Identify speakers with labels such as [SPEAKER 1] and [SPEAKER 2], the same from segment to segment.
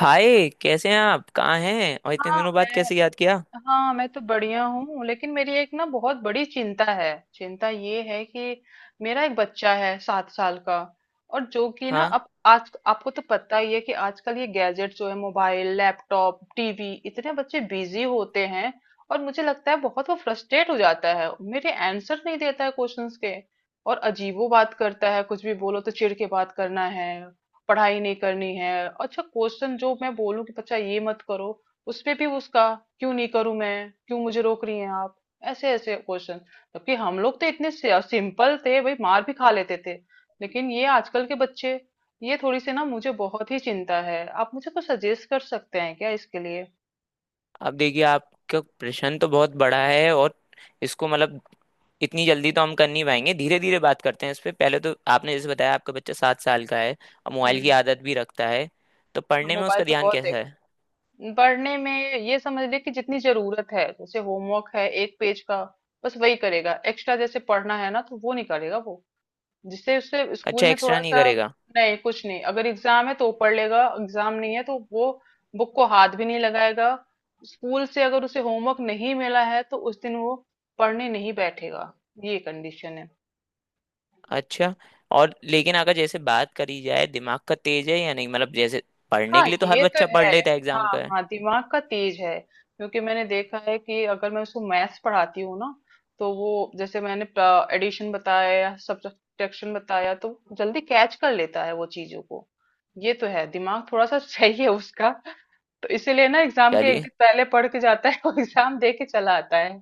[SPEAKER 1] हाय कैसे हैं आप? कहाँ हैं? और इतने
[SPEAKER 2] हाँ
[SPEAKER 1] दिनों बाद
[SPEAKER 2] मैं
[SPEAKER 1] कैसे याद किया?
[SPEAKER 2] हाँ मैं तो बढ़िया हूँ, लेकिन मेरी एक ना बहुत बड़ी चिंता है। चिंता ये है कि मेरा एक बच्चा है 7 साल का, और जो कि ना
[SPEAKER 1] हाँ।
[SPEAKER 2] अब आज आपको तो पता ही है कि आजकल ये गैजेट जो है, मोबाइल, लैपटॉप, टीवी, इतने बच्चे बिजी होते हैं। और मुझे लगता है बहुत वो फ्रस्ट्रेट हो जाता है, मेरे आंसर नहीं देता है क्वेश्चंस के। और अजीबो बात करता है, कुछ भी बोलो तो चिढ़ के बात करना है। पढ़ाई नहीं करनी है। अच्छा क्वेश्चन जो मैं बोलूं कि बच्चा ये मत करो, उसपे भी उसका क्यों नहीं करूं, मैं क्यों, मुझे रोक रही हैं आप, ऐसे ऐसे क्वेश्चन। जबकि हम लोग तो इतने सिंपल थे भाई, मार भी खा लेते थे, लेकिन ये आजकल के बच्चे, ये थोड़ी सी ना मुझे बहुत ही चिंता है। आप मुझे कुछ सजेस्ट कर सकते हैं क्या इसके लिए?
[SPEAKER 1] अब देखिए, आपका प्रश्न तो बहुत बड़ा है, और इसको मतलब इतनी जल्दी तो हम कर नहीं पाएंगे। धीरे धीरे बात करते हैं इस पे। पहले तो आपने जैसे बताया आपका बच्चा 7 साल का है और मोबाइल की
[SPEAKER 2] हम्म।
[SPEAKER 1] आदत भी रखता है। तो पढ़ने में
[SPEAKER 2] मोबाइल
[SPEAKER 1] उसका
[SPEAKER 2] तो
[SPEAKER 1] ध्यान
[SPEAKER 2] बहुत
[SPEAKER 1] कैसा
[SPEAKER 2] देख,
[SPEAKER 1] है?
[SPEAKER 2] पढ़ने में ये समझ ले कि जितनी जरूरत है, जैसे होमवर्क है एक पेज का, बस वही करेगा। एक्स्ट्रा जैसे पढ़ना है ना, तो वो नहीं करेगा वो, जिससे उससे स्कूल
[SPEAKER 1] अच्छा,
[SPEAKER 2] में
[SPEAKER 1] एक्स्ट्रा
[SPEAKER 2] थोड़ा
[SPEAKER 1] नहीं
[SPEAKER 2] सा।
[SPEAKER 1] करेगा?
[SPEAKER 2] नहीं, कुछ नहीं, अगर एग्जाम है तो वो पढ़ लेगा, एग्जाम नहीं है तो वो बुक को हाथ भी नहीं लगाएगा। स्कूल से अगर उसे होमवर्क नहीं मिला है तो उस दिन वो पढ़ने नहीं बैठेगा, ये कंडीशन है।
[SPEAKER 1] अच्छा। और लेकिन अगर जैसे बात करी जाए दिमाग का तेज है या नहीं, मतलब जैसे पढ़ने
[SPEAKER 2] हाँ
[SPEAKER 1] के लिए तो हर
[SPEAKER 2] ये तो
[SPEAKER 1] बच्चा पढ़
[SPEAKER 2] है।
[SPEAKER 1] लेता है एग्जाम
[SPEAKER 2] हाँ
[SPEAKER 1] का।
[SPEAKER 2] हाँ, दिमाग का तेज है, क्योंकि मैंने देखा है कि अगर मैं उसको मैथ्स पढ़ाती हूँ ना, तो वो, जैसे मैंने एडिशन बताया या सब्ट्रैक्शन बताया तो जल्दी कैच कर लेता है वो चीजों को। ये तो है, दिमाग थोड़ा सा सही है उसका। तो इसीलिए ना एग्जाम के एक
[SPEAKER 1] चलिए।
[SPEAKER 2] दिन पहले पढ़ के जाता है और एग्जाम दे के चला आता है।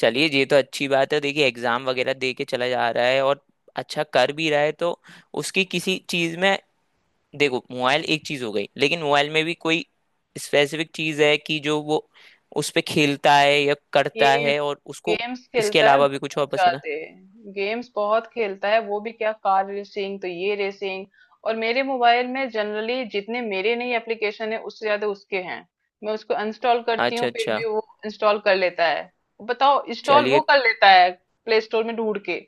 [SPEAKER 1] चलिए, ये तो अच्छी बात है। देखिए, एग्जाम वगैरह दे के चला जा रहा है और अच्छा कर भी रहा है, तो उसकी किसी चीज में, देखो मोबाइल एक चीज हो गई, लेकिन मोबाइल में भी कोई स्पेसिफिक चीज है कि जो वो उस पे खेलता है या करता
[SPEAKER 2] गेम,
[SPEAKER 1] है, और उसको
[SPEAKER 2] गेम्स
[SPEAKER 1] इसके
[SPEAKER 2] खेलता है
[SPEAKER 1] अलावा भी कुछ और
[SPEAKER 2] बहुत
[SPEAKER 1] पसंद है?
[SPEAKER 2] ज्यादा। गेम्स बहुत खेलता है वो, भी क्या कार रेसिंग, तो ये रेसिंग। और मेरे मोबाइल में जनरली जितने मेरे नहीं एप्लीकेशन है उससे ज्यादा उसके हैं। मैं उसको इंस्टॉल करती हूँ,
[SPEAKER 1] अच्छा
[SPEAKER 2] फिर
[SPEAKER 1] अच्छा।
[SPEAKER 2] भी वो इंस्टॉल कर लेता है। तो बताओ, इंस्टॉल
[SPEAKER 1] चलिए।
[SPEAKER 2] वो कर लेता है, प्ले स्टोर में ढूंढ के।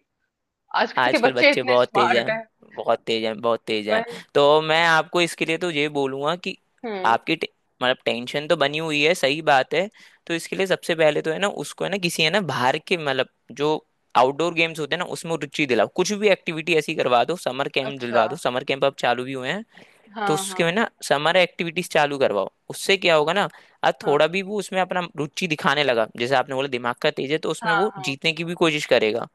[SPEAKER 2] आजकल के
[SPEAKER 1] आजकल
[SPEAKER 2] बच्चे
[SPEAKER 1] बच्चे
[SPEAKER 2] इतने
[SPEAKER 1] बहुत तेज हैं।
[SPEAKER 2] स्मार्ट हैं।
[SPEAKER 1] बहुत तेज हैं, बहुत
[SPEAKER 2] तो
[SPEAKER 1] तेज हैं।
[SPEAKER 2] वही-
[SPEAKER 1] तो मैं आपको इसके लिए तो ये बोलूंगा कि
[SPEAKER 2] हम्म।
[SPEAKER 1] आपकी मतलब टेंशन तो बनी हुई है, सही बात है। तो इसके लिए सबसे पहले तो है ना, उसको है ना, किसी है ना बाहर के, मतलब जो आउटडोर गेम्स होते हैं ना उसमें रुचि दिलाओ। कुछ भी एक्टिविटी ऐसी करवा दो, समर कैंप
[SPEAKER 2] अच्छा।
[SPEAKER 1] दिलवा दो। समर कैंप अब चालू भी हुए हैं। तो
[SPEAKER 2] हाँ हाँ।
[SPEAKER 1] उसके में ना समर एक्टिविटीज चालू करवाओ। उससे क्या होगा ना, आज
[SPEAKER 2] हाँ
[SPEAKER 1] थोड़ा भी वो उसमें अपना रुचि दिखाने लगा, जैसे आपने बोला दिमाग का तेज है, तो उसमें
[SPEAKER 2] हाँ।
[SPEAKER 1] वो
[SPEAKER 2] हाँ।
[SPEAKER 1] जीतने की भी कोशिश करेगा।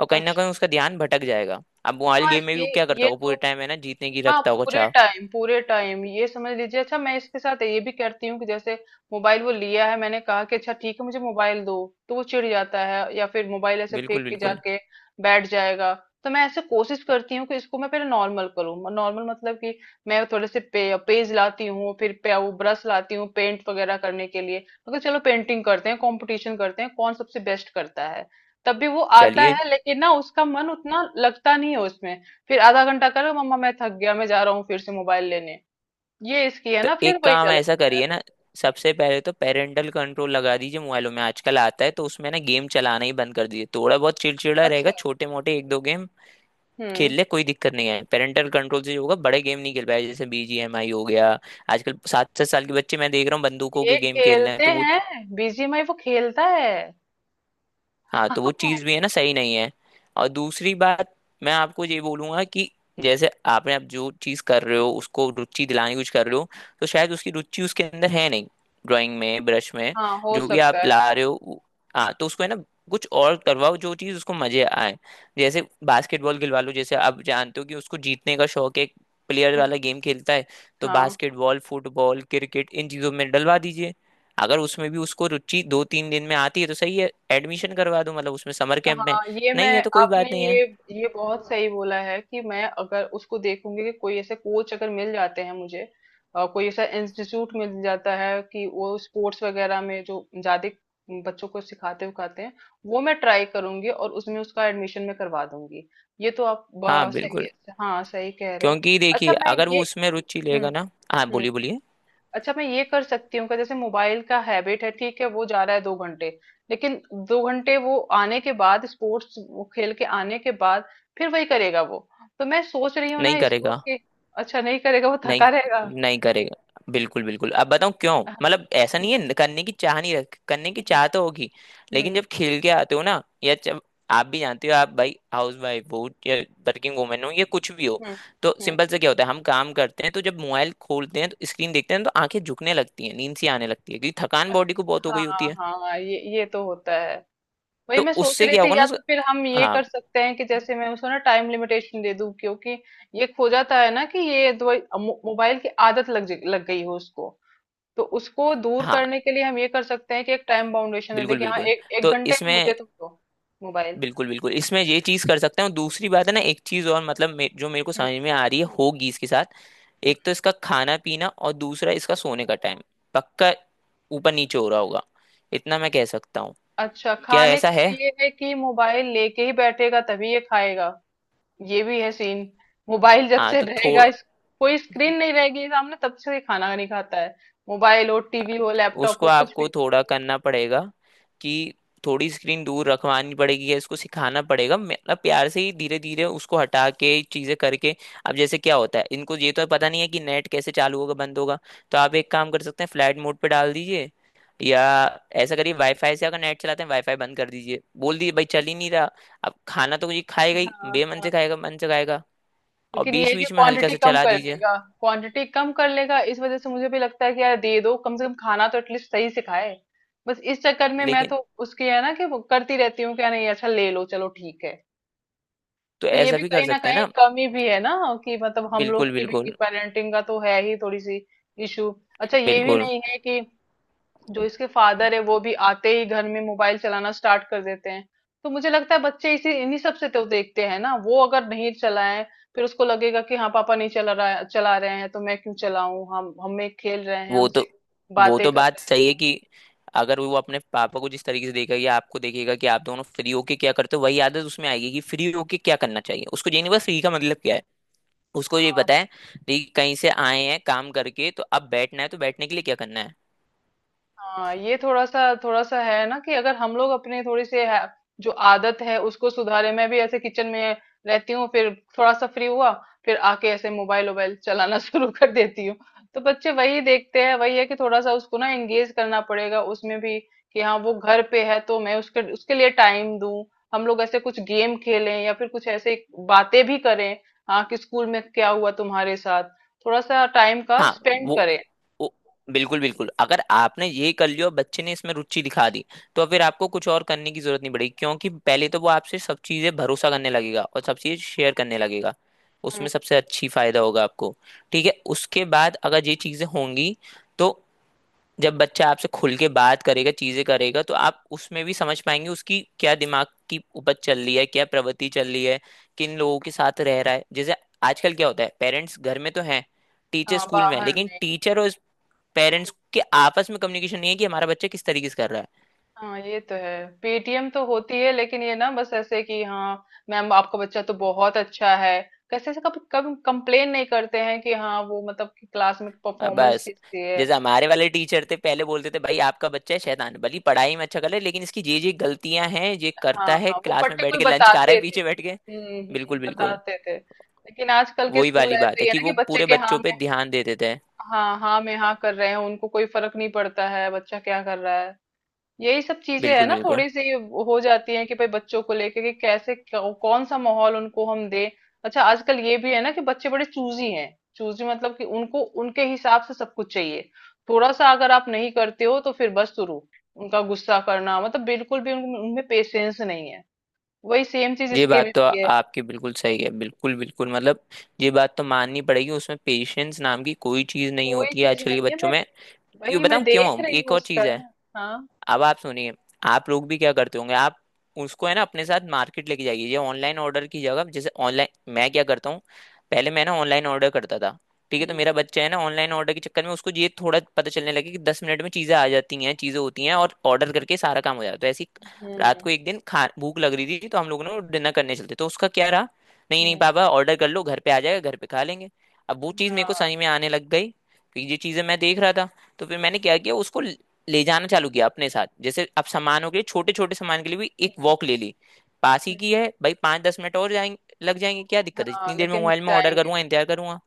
[SPEAKER 1] और कहीं ना कहीं
[SPEAKER 2] अच्छा।
[SPEAKER 1] उसका ध्यान भटक जाएगा। अब मोबाइल
[SPEAKER 2] हाँ
[SPEAKER 1] गेम में भी
[SPEAKER 2] ये,
[SPEAKER 1] वो क्या करता
[SPEAKER 2] ये
[SPEAKER 1] होगा,
[SPEAKER 2] तो
[SPEAKER 1] पूरे टाइम है ना जीतने की
[SPEAKER 2] हाँ,
[SPEAKER 1] रखता होगा
[SPEAKER 2] पूरे
[SPEAKER 1] चाह।
[SPEAKER 2] टाइम पूरे टाइम, ये समझ लीजिए। अच्छा, मैं इसके साथ ये भी करती हूँ कि जैसे मोबाइल वो लिया है, मैंने कहा कि अच्छा ठीक है, मुझे मोबाइल दो, तो वो चिढ़ जाता है, या फिर मोबाइल ऐसे फेंक
[SPEAKER 1] बिल्कुल
[SPEAKER 2] के
[SPEAKER 1] बिल्कुल।
[SPEAKER 2] जाके बैठ जाएगा। तो मैं ऐसे कोशिश करती हूँ कि इसको मैं पहले नॉर्मल करूँ। नॉर्मल मतलब कि मैं थोड़े से पेज लाती हूँ, फिर वो ब्रश लाती हूँ पेंट वगैरह करने के लिए। मतलब चलो पेंटिंग करते हैं, कंपटीशन करते हैं, कौन सबसे बेस्ट करता है। तब भी वो आता
[SPEAKER 1] चलिए।
[SPEAKER 2] है, लेकिन ना उसका मन उतना लगता नहीं है उसमें। फिर आधा घंटा करो, मम्मा मैं थक गया, मैं जा रहा हूँ फिर से मोबाइल लेने। ये इसकी है
[SPEAKER 1] तो
[SPEAKER 2] ना, फिर
[SPEAKER 1] एक
[SPEAKER 2] वही
[SPEAKER 1] काम
[SPEAKER 2] चला
[SPEAKER 1] ऐसा
[SPEAKER 2] जाता है।
[SPEAKER 1] करिए ना,
[SPEAKER 2] हम्म।
[SPEAKER 1] सबसे पहले तो पेरेंटल कंट्रोल लगा दीजिए। मोबाइलों में आजकल आता है, तो उसमें ना गेम चलाना ही बंद कर दीजिए। थोड़ा बहुत चिड़चिड़ा रहेगा,
[SPEAKER 2] अच्छा।
[SPEAKER 1] छोटे मोटे एक दो गेम खेल
[SPEAKER 2] हम्म।
[SPEAKER 1] ले, कोई दिक्कत नहीं है। पेरेंटल कंट्रोल से जो होगा बड़े गेम नहीं खेल पाए, जैसे बीजीएमआई हो गया। आजकल सात सात साल के बच्चे मैं देख रहा हूँ बंदूकों
[SPEAKER 2] ये
[SPEAKER 1] के गेम खेल रहे हैं,
[SPEAKER 2] खेलते
[SPEAKER 1] तो वो...
[SPEAKER 2] हैं, BGMI वो खेलता है
[SPEAKER 1] हाँ, तो वो
[SPEAKER 2] हाँ।
[SPEAKER 1] चीज़ भी है ना सही नहीं है। और दूसरी बात, मैं आपको ये बोलूंगा कि जैसे आपने, आप जो चीज़ कर रहे हो उसको रुचि दिलाने की कुछ कर रहे हो, तो शायद उसकी रुचि उसके अंदर है नहीं, ड्राइंग में, ब्रश में,
[SPEAKER 2] हाँ, हो
[SPEAKER 1] जो भी आप
[SPEAKER 2] सकता है।
[SPEAKER 1] ला रहे हो हाँ तो उसको है ना कुछ और करवाओ जो चीज़ उसको मजे आए। जैसे बास्केटबॉल खिलवा लो, जैसे आप जानते हो कि उसको जीतने का शौक है, प्लेयर
[SPEAKER 2] हम्म।
[SPEAKER 1] वाला गेम खेलता है, तो
[SPEAKER 2] हाँ
[SPEAKER 1] बास्केटबॉल फुटबॉल क्रिकेट इन चीज़ों में डलवा दीजिए। अगर उसमें भी उसको रुचि 2-3 दिन में आती है तो सही है, एडमिशन करवा दो, मतलब उसमें समर कैंप में।
[SPEAKER 2] हाँ ये मैं,
[SPEAKER 1] नहीं है तो कोई
[SPEAKER 2] आपने
[SPEAKER 1] बात नहीं
[SPEAKER 2] ये
[SPEAKER 1] है।
[SPEAKER 2] ये बहुत सही बोला है कि मैं अगर उसको देखूंगी कि कोई ऐसे कोच अगर मिल जाते हैं मुझे, कोई ऐसा इंस्टीट्यूट मिल जाता है कि वो स्पोर्ट्स वगैरह में जो ज्यादा बच्चों को सिखाते उखाते हैं, वो मैं ट्राई करूंगी और उसमें उसका एडमिशन में करवा दूंगी। ये तो
[SPEAKER 1] हाँ
[SPEAKER 2] सही।
[SPEAKER 1] बिल्कुल।
[SPEAKER 2] हाँ सही कह रहे हो।
[SPEAKER 1] क्योंकि देखिए
[SPEAKER 2] अच्छा मैं
[SPEAKER 1] अगर वो
[SPEAKER 2] ये,
[SPEAKER 1] उसमें रुचि
[SPEAKER 2] हम्म।
[SPEAKER 1] लेगा ना... हाँ,
[SPEAKER 2] हम्म।
[SPEAKER 1] बोलिए बोलिए।
[SPEAKER 2] अच्छा, मैं ये कर सकती हूँ कि जैसे मोबाइल का हैबिट है, ठीक है वो जा रहा है 2 घंटे, लेकिन 2 घंटे वो आने के बाद, स्पोर्ट्स खेल के आने के बाद, फिर वही करेगा वो। तो मैं सोच रही हूँ ना
[SPEAKER 1] नहीं
[SPEAKER 2] इसको
[SPEAKER 1] करेगा।
[SPEAKER 2] कि, अच्छा नहीं करेगा, वो
[SPEAKER 1] नहीं।
[SPEAKER 2] थका रहेगा।
[SPEAKER 1] नहीं करेगा। बिल्कुल बिल्कुल। अब बताऊं क्यों,
[SPEAKER 2] हाँ।
[SPEAKER 1] मतलब ऐसा नहीं है करने की चाह नहीं रख, करने की
[SPEAKER 2] हम्म।
[SPEAKER 1] चाह तो होगी। लेकिन
[SPEAKER 2] हम्म।
[SPEAKER 1] जब खेल के आते हो ना, या जब आप भी जानते हो, आप भाई हाउस वाइफ हो या वर्किंग वुमेन हो या कुछ भी हो,
[SPEAKER 2] हम्म।
[SPEAKER 1] तो
[SPEAKER 2] हम्म।
[SPEAKER 1] सिंपल से क्या होता है, हम काम करते हैं तो जब मोबाइल खोलते हैं तो स्क्रीन देखते हैं तो आंखें झुकने लगती हैं, नींद सी आने लगती है, क्योंकि थकान बॉडी को बहुत हो गई होती
[SPEAKER 2] हाँ
[SPEAKER 1] है।
[SPEAKER 2] हाँ, ये तो होता है। वही
[SPEAKER 1] तो
[SPEAKER 2] मैं सोच
[SPEAKER 1] उससे
[SPEAKER 2] रही
[SPEAKER 1] क्या होगा
[SPEAKER 2] थी, या
[SPEAKER 1] ना
[SPEAKER 2] तो फिर हम ये
[SPEAKER 1] हाँ
[SPEAKER 2] कर सकते हैं कि जैसे मैं उसको ना टाइम लिमिटेशन दे दूं, क्योंकि ये खो जाता है ना कि मोबाइल की आदत लग गई हो उसको, तो उसको दूर
[SPEAKER 1] हाँ।
[SPEAKER 2] करने के लिए हम ये कर सकते हैं कि एक टाइम बाउंडेशन दे दें
[SPEAKER 1] बिल्कुल
[SPEAKER 2] कि हाँ
[SPEAKER 1] बिल्कुल।
[SPEAKER 2] एक एक
[SPEAKER 1] तो
[SPEAKER 2] घंटे में मुझे
[SPEAKER 1] इसमें,
[SPEAKER 2] तुम दो मोबाइल।
[SPEAKER 1] बिल्कुल बिल्कुल, इसमें ये चीज कर सकते हैं। और दूसरी बात है ना, एक चीज और, मतलब जो मेरे को
[SPEAKER 2] हम्म।
[SPEAKER 1] समझ में आ रही है
[SPEAKER 2] हम्म।
[SPEAKER 1] होगी इसके साथ।
[SPEAKER 2] हम्म।
[SPEAKER 1] एक तो इसका खाना पीना, और दूसरा इसका सोने का टाइम पक्का ऊपर नीचे हो रहा होगा, इतना मैं कह सकता हूँ।
[SPEAKER 2] अच्छा,
[SPEAKER 1] क्या
[SPEAKER 2] खाने का
[SPEAKER 1] ऐसा है?
[SPEAKER 2] तो ये है कि मोबाइल लेके ही बैठेगा, तभी ये खाएगा। ये भी है सीन। मोबाइल जब
[SPEAKER 1] हाँ,
[SPEAKER 2] से
[SPEAKER 1] तो
[SPEAKER 2] रहेगा
[SPEAKER 1] थोड़ा
[SPEAKER 2] कोई स्क्रीन नहीं रहेगी सामने, तब से ये खाना नहीं खाता है, मोबाइल हो, टीवी हो, लैपटॉप
[SPEAKER 1] उसको
[SPEAKER 2] हो, कुछ
[SPEAKER 1] आपको
[SPEAKER 2] भी।
[SPEAKER 1] थोड़ा करना पड़ेगा कि थोड़ी स्क्रीन दूर रखवानी पड़ेगी, या इसको सिखाना पड़ेगा, मतलब प्यार से ही धीरे धीरे उसको हटा के चीजें करके। अब जैसे क्या होता है, इनको ये तो पता नहीं है कि नेट कैसे चालू होगा बंद होगा, तो आप एक काम कर सकते हैं, फ्लाइट मोड पे डाल दीजिए। या ऐसा करिए, वाईफाई से अगर नेट चलाते हैं वाईफाई बंद कर दीजिए, बोल दीजिए भाई चल ही नहीं रहा। अब खाना तो ये खाएगा ही, बेमन
[SPEAKER 2] हाँ,
[SPEAKER 1] से खाएगा मन से खाएगा। और
[SPEAKER 2] लेकिन ये है
[SPEAKER 1] बीच
[SPEAKER 2] कि
[SPEAKER 1] बीच में हल्का
[SPEAKER 2] क्वांटिटी
[SPEAKER 1] सा
[SPEAKER 2] कम
[SPEAKER 1] चला
[SPEAKER 2] कर
[SPEAKER 1] दीजिए।
[SPEAKER 2] लेगा, क्वांटिटी कम कर लेगा, इस वजह से मुझे भी लगता है कि यार दे दो, कम से कम खाना तो एटलीस्ट सही से खाए। बस इस चक्कर में मैं
[SPEAKER 1] लेकिन,
[SPEAKER 2] तो उसकी है ना कि वो करती रहती हूँ, क्या नहीं, अच्छा ले लो चलो ठीक है।
[SPEAKER 1] तो
[SPEAKER 2] तो ये
[SPEAKER 1] ऐसा
[SPEAKER 2] भी
[SPEAKER 1] भी कर
[SPEAKER 2] कहीं ना
[SPEAKER 1] सकते हैं
[SPEAKER 2] कहीं
[SPEAKER 1] ना।
[SPEAKER 2] कमी भी है ना, कि मतलब हम लोग
[SPEAKER 1] बिल्कुल।
[SPEAKER 2] की भी
[SPEAKER 1] बिल्कुल
[SPEAKER 2] पेरेंटिंग का तो है ही थोड़ी सी इशू। अच्छा ये भी
[SPEAKER 1] बिल्कुल।
[SPEAKER 2] नहीं है कि जो इसके फादर है वो भी आते ही घर में मोबाइल चलाना स्टार्ट कर देते हैं, तो मुझे लगता है बच्चे इसी इन्हीं सबसे तो देखते हैं ना। वो अगर नहीं चलाएं फिर उसको लगेगा कि हाँ पापा नहीं चला रहा, चला रहे हैं तो मैं क्यों चलाऊं, हम हमें खेल रहे हैं,
[SPEAKER 1] वो तो
[SPEAKER 2] हमसे
[SPEAKER 1] वो
[SPEAKER 2] बातें
[SPEAKER 1] तो
[SPEAKER 2] कर
[SPEAKER 1] बात
[SPEAKER 2] रहे हैं।
[SPEAKER 1] सही है कि अगर वो अपने पापा को जिस तरीके से देखेगा या आपको देखेगा कि आप दोनों फ्री होके क्या करते हो, वही आदत उसमें आएगी कि फ्री होके क्या करना चाहिए। उसको ये नहीं पता फ्री का मतलब क्या है। उसको ये
[SPEAKER 2] हाँ।
[SPEAKER 1] पता है कि कहीं से आए हैं काम करके, तो अब बैठना है तो बैठने के लिए क्या करना है।
[SPEAKER 2] हाँ, ये थोड़ा सा है ना कि अगर हम लोग अपने थोड़ी सी है, जो आदत है उसको सुधारे, मैं भी ऐसे किचन में रहती हूँ, फिर थोड़ा सा फ्री हुआ, फिर आके ऐसे मोबाइल वोबाइल चलाना शुरू कर देती हूँ। तो बच्चे वही देखते हैं। वही है कि थोड़ा सा उसको ना एंगेज करना पड़ेगा उसमें भी, कि हाँ वो घर पे है तो मैं उसके उसके लिए टाइम दूं, हम लोग ऐसे कुछ गेम खेलें, या फिर कुछ ऐसे बातें भी करें, हाँ कि स्कूल में क्या हुआ तुम्हारे साथ, थोड़ा सा टाइम का
[SPEAKER 1] हाँ।
[SPEAKER 2] स्पेंड
[SPEAKER 1] वो
[SPEAKER 2] करें।
[SPEAKER 1] वो बिल्कुल बिल्कुल। अगर आपने ये कर लिया और बच्चे ने इसमें रुचि दिखा दी, तो फिर आपको कुछ और करने की जरूरत नहीं पड़ेगी। क्योंकि पहले तो वो आपसे सब चीजें भरोसा करने लगेगा और सब चीजें शेयर करने लगेगा।
[SPEAKER 2] हम्म।
[SPEAKER 1] उसमें सबसे अच्छी फायदा होगा आपको। ठीक है। उसके बाद अगर ये चीजें होंगी, तो जब बच्चा आपसे खुल के बात करेगा चीजें करेगा, तो आप उसमें भी समझ पाएंगे उसकी क्या दिमाग की उपज चल रही है, क्या प्रवृत्ति चल रही है, किन लोगों के साथ रह रहा है। जैसे आजकल क्या होता है, पेरेंट्स घर में तो हैं, टीचर
[SPEAKER 2] हाँ
[SPEAKER 1] स्कूल में है,
[SPEAKER 2] बाहर
[SPEAKER 1] लेकिन
[SPEAKER 2] नहीं।
[SPEAKER 1] टीचर और पेरेंट्स के आपस में कम्युनिकेशन नहीं है कि हमारा बच्चा किस तरीके से कर रहा है।
[SPEAKER 2] हाँ ये तो है, PTM तो होती है, लेकिन ये ना बस ऐसे कि हाँ मैम आपका बच्चा तो बहुत अच्छा है, कैसे से। कभी कभी कंप्लेन नहीं करते हैं कि हाँ वो मतलब कि क्लास में परफॉर्मेंस
[SPEAKER 1] बस
[SPEAKER 2] किसकी है।
[SPEAKER 1] जैसे हमारे वाले टीचर थे पहले, बोलते थे भाई आपका बच्चा है शैतान भली, पढ़ाई में अच्छा कर ले लेकिन इसकी ये गलतियां हैं, ये
[SPEAKER 2] हाँ
[SPEAKER 1] करता है
[SPEAKER 2] हाँ वो
[SPEAKER 1] क्लास में बैठ
[SPEAKER 2] पर्टिकुलर
[SPEAKER 1] के लंच खा रहा
[SPEAKER 2] बताते
[SPEAKER 1] है
[SPEAKER 2] थे।
[SPEAKER 1] पीछे बैठ के। बिल्कुल
[SPEAKER 2] हम्म,
[SPEAKER 1] बिल्कुल।
[SPEAKER 2] बताते थे, लेकिन आजकल के
[SPEAKER 1] वही
[SPEAKER 2] स्कूल
[SPEAKER 1] वाली बात
[SPEAKER 2] ऐसे
[SPEAKER 1] है
[SPEAKER 2] ही है
[SPEAKER 1] कि
[SPEAKER 2] ना कि
[SPEAKER 1] वो
[SPEAKER 2] बच्चे
[SPEAKER 1] पूरे
[SPEAKER 2] के हाँ
[SPEAKER 1] बच्चों पे
[SPEAKER 2] में
[SPEAKER 1] ध्यान देते थे।
[SPEAKER 2] हाँ, हाँ में हाँ कर रहे हैं, उनको कोई फर्क नहीं पड़ता है बच्चा क्या कर रहा है। यही सब चीजें है
[SPEAKER 1] बिल्कुल
[SPEAKER 2] ना
[SPEAKER 1] बिल्कुल।
[SPEAKER 2] थोड़ी सी हो जाती है कि भाई बच्चों को लेके कि कैसे कौन सा माहौल उनको हम दें। अच्छा आजकल ये भी है ना कि बच्चे बड़े चूजी हैं। चूजी मतलब कि उनको उनके हिसाब से सब कुछ चाहिए। थोड़ा सा अगर आप नहीं करते हो तो फिर बस शुरू उनका गुस्सा करना, मतलब बिल्कुल भी उनमें पेशेंस नहीं है। वही सेम चीज
[SPEAKER 1] ये
[SPEAKER 2] इसके में
[SPEAKER 1] बात तो
[SPEAKER 2] भी है,
[SPEAKER 1] आपकी बिल्कुल सही है। बिल्कुल बिल्कुल, मतलब ये बात तो माननी पड़ेगी, उसमें पेशेंस नाम की कोई चीज नहीं
[SPEAKER 2] कोई
[SPEAKER 1] होती है
[SPEAKER 2] चीज
[SPEAKER 1] आजकल के
[SPEAKER 2] नहीं है।
[SPEAKER 1] बच्चों
[SPEAKER 2] मैं,
[SPEAKER 1] में। ये
[SPEAKER 2] वही मैं
[SPEAKER 1] बताऊं
[SPEAKER 2] देख
[SPEAKER 1] क्यों,
[SPEAKER 2] रही
[SPEAKER 1] एक
[SPEAKER 2] हूँ
[SPEAKER 1] और
[SPEAKER 2] उसका
[SPEAKER 1] चीज है।
[SPEAKER 2] ना। हाँ।
[SPEAKER 1] अब आप सुनिए, आप लोग भी क्या करते होंगे, आप उसको है ना अपने साथ मार्केट लेके जाइए, ये ऑनलाइन ऑर्डर की जगह, जैसे ऑनलाइन... मैं क्या करता हूँ, पहले मैं ना ऑनलाइन ऑर्डर करता था, ठीक है, तो
[SPEAKER 2] हम्म।
[SPEAKER 1] मेरा बच्चा है ना ऑनलाइन ऑर्डर के चक्कर में उसको ये थोड़ा पता चलने लगे कि 10 मिनट में चीज़ें आ जाती हैं, चीज़ें होती हैं और ऑर्डर करके सारा काम हो जाता है ऐसी। रात
[SPEAKER 2] हम्म।
[SPEAKER 1] को एक दिन खा भूख लग रही थी, तो हम लोगों ने डिनर करने चलते तो उसका क्या रहा, नहीं नहीं
[SPEAKER 2] हम्म।
[SPEAKER 1] पापा ऑर्डर कर लो घर पे आ जाएगा घर पे खा लेंगे। अब वो चीज़ मेरे को समझ
[SPEAKER 2] हाँ।
[SPEAKER 1] में आने लग गई कि ये चीज़ें मैं देख रहा था। तो फिर मैंने क्या किया, उसको ले जाना चालू किया अपने साथ, जैसे अब सामानों के लिए, छोटे छोटे सामान के लिए भी एक
[SPEAKER 2] हम्म।
[SPEAKER 1] वॉक ले ली। पास ही
[SPEAKER 2] हम्म।
[SPEAKER 1] की है भाई, 5-10 मिनट और जाएंगे, लग जाएंगे, क्या दिक्कत है,
[SPEAKER 2] हाँ
[SPEAKER 1] जितनी देर में
[SPEAKER 2] लेकिन
[SPEAKER 1] मोबाइल में ऑर्डर
[SPEAKER 2] जाएंगे।
[SPEAKER 1] करूंगा इंतजार करूंगा।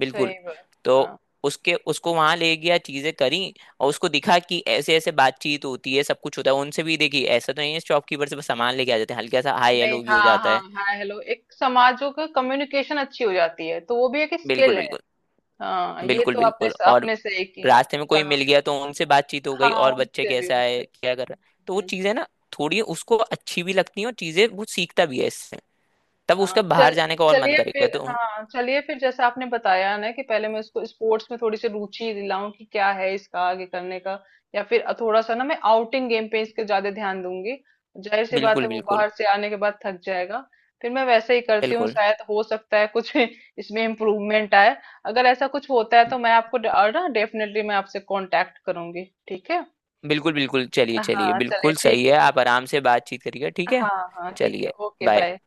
[SPEAKER 1] बिल्कुल।
[SPEAKER 2] सही बात। हाँ।
[SPEAKER 1] तो उसके उसको वहां ले गया, चीजें करी और उसको दिखा कि ऐसे ऐसे बातचीत होती है, सब कुछ होता है, उनसे भी देखी, ऐसा तो नहीं है, शॉपकीपर से बस सामान लेके आ जाते हैं, हल्का सा हाय
[SPEAKER 2] नहीं
[SPEAKER 1] हेलो भी
[SPEAKER 2] हाँ
[SPEAKER 1] हो जाता
[SPEAKER 2] हाँ
[SPEAKER 1] है।
[SPEAKER 2] हाँ हेलो, एक समाजों का कम्युनिकेशन अच्छी हो जाती है, तो वो भी एक
[SPEAKER 1] बिल्कुल
[SPEAKER 2] स्किल है।
[SPEAKER 1] बिल्कुल।
[SPEAKER 2] हाँ ये
[SPEAKER 1] बिल्कुल
[SPEAKER 2] तो आपने
[SPEAKER 1] बिल्कुल। और
[SPEAKER 2] अपने से ही किया।
[SPEAKER 1] रास्ते में कोई
[SPEAKER 2] कहा।
[SPEAKER 1] मिल गया तो उनसे बातचीत हो गई,
[SPEAKER 2] हाँ
[SPEAKER 1] और बच्चे
[SPEAKER 2] उनसे भी
[SPEAKER 1] कैसा
[SPEAKER 2] उनसे
[SPEAKER 1] है क्या कर
[SPEAKER 2] भी।
[SPEAKER 1] रहा है, तो वो चीजें ना थोड़ी उसको अच्छी भी लगती हैं, और चीजें वो सीखता भी है इससे, तब उसका
[SPEAKER 2] हाँ
[SPEAKER 1] बाहर
[SPEAKER 2] चल,
[SPEAKER 1] जाने का और मन
[SPEAKER 2] चलिए
[SPEAKER 1] करेगा
[SPEAKER 2] फिर,
[SPEAKER 1] तो।
[SPEAKER 2] हाँ चलिए फिर जैसा आपने बताया ना कि पहले मैं इसको स्पोर्ट्स में थोड़ी सी रुचि दिलाऊं, कि क्या है इसका आगे करने का। या फिर थोड़ा सा ना मैं आउटिंग गेम पे इसके ज्यादा ध्यान दूंगी। जाहिर सी बात
[SPEAKER 1] बिल्कुल
[SPEAKER 2] है वो
[SPEAKER 1] बिल्कुल।
[SPEAKER 2] बाहर से आने के बाद थक जाएगा, फिर मैं वैसे ही करती हूँ,
[SPEAKER 1] बिल्कुल
[SPEAKER 2] शायद हो सकता है कुछ इसमें इम्प्रूवमेंट आए। अगर ऐसा कुछ होता है तो मैं और ना डेफिनेटली मैं आपसे कांटेक्ट करूंगी, ठीक है।
[SPEAKER 1] बिल्कुल। बिल्कुल चलिए चलिए
[SPEAKER 2] हाँ चलिए
[SPEAKER 1] बिल्कुल सही
[SPEAKER 2] ठीक
[SPEAKER 1] है,
[SPEAKER 2] है।
[SPEAKER 1] आप आराम से बातचीत करिएगा, ठीक है।
[SPEAKER 2] हाँ। हाँ ठीक है,
[SPEAKER 1] चलिए।
[SPEAKER 2] Okay bye.
[SPEAKER 1] बाय।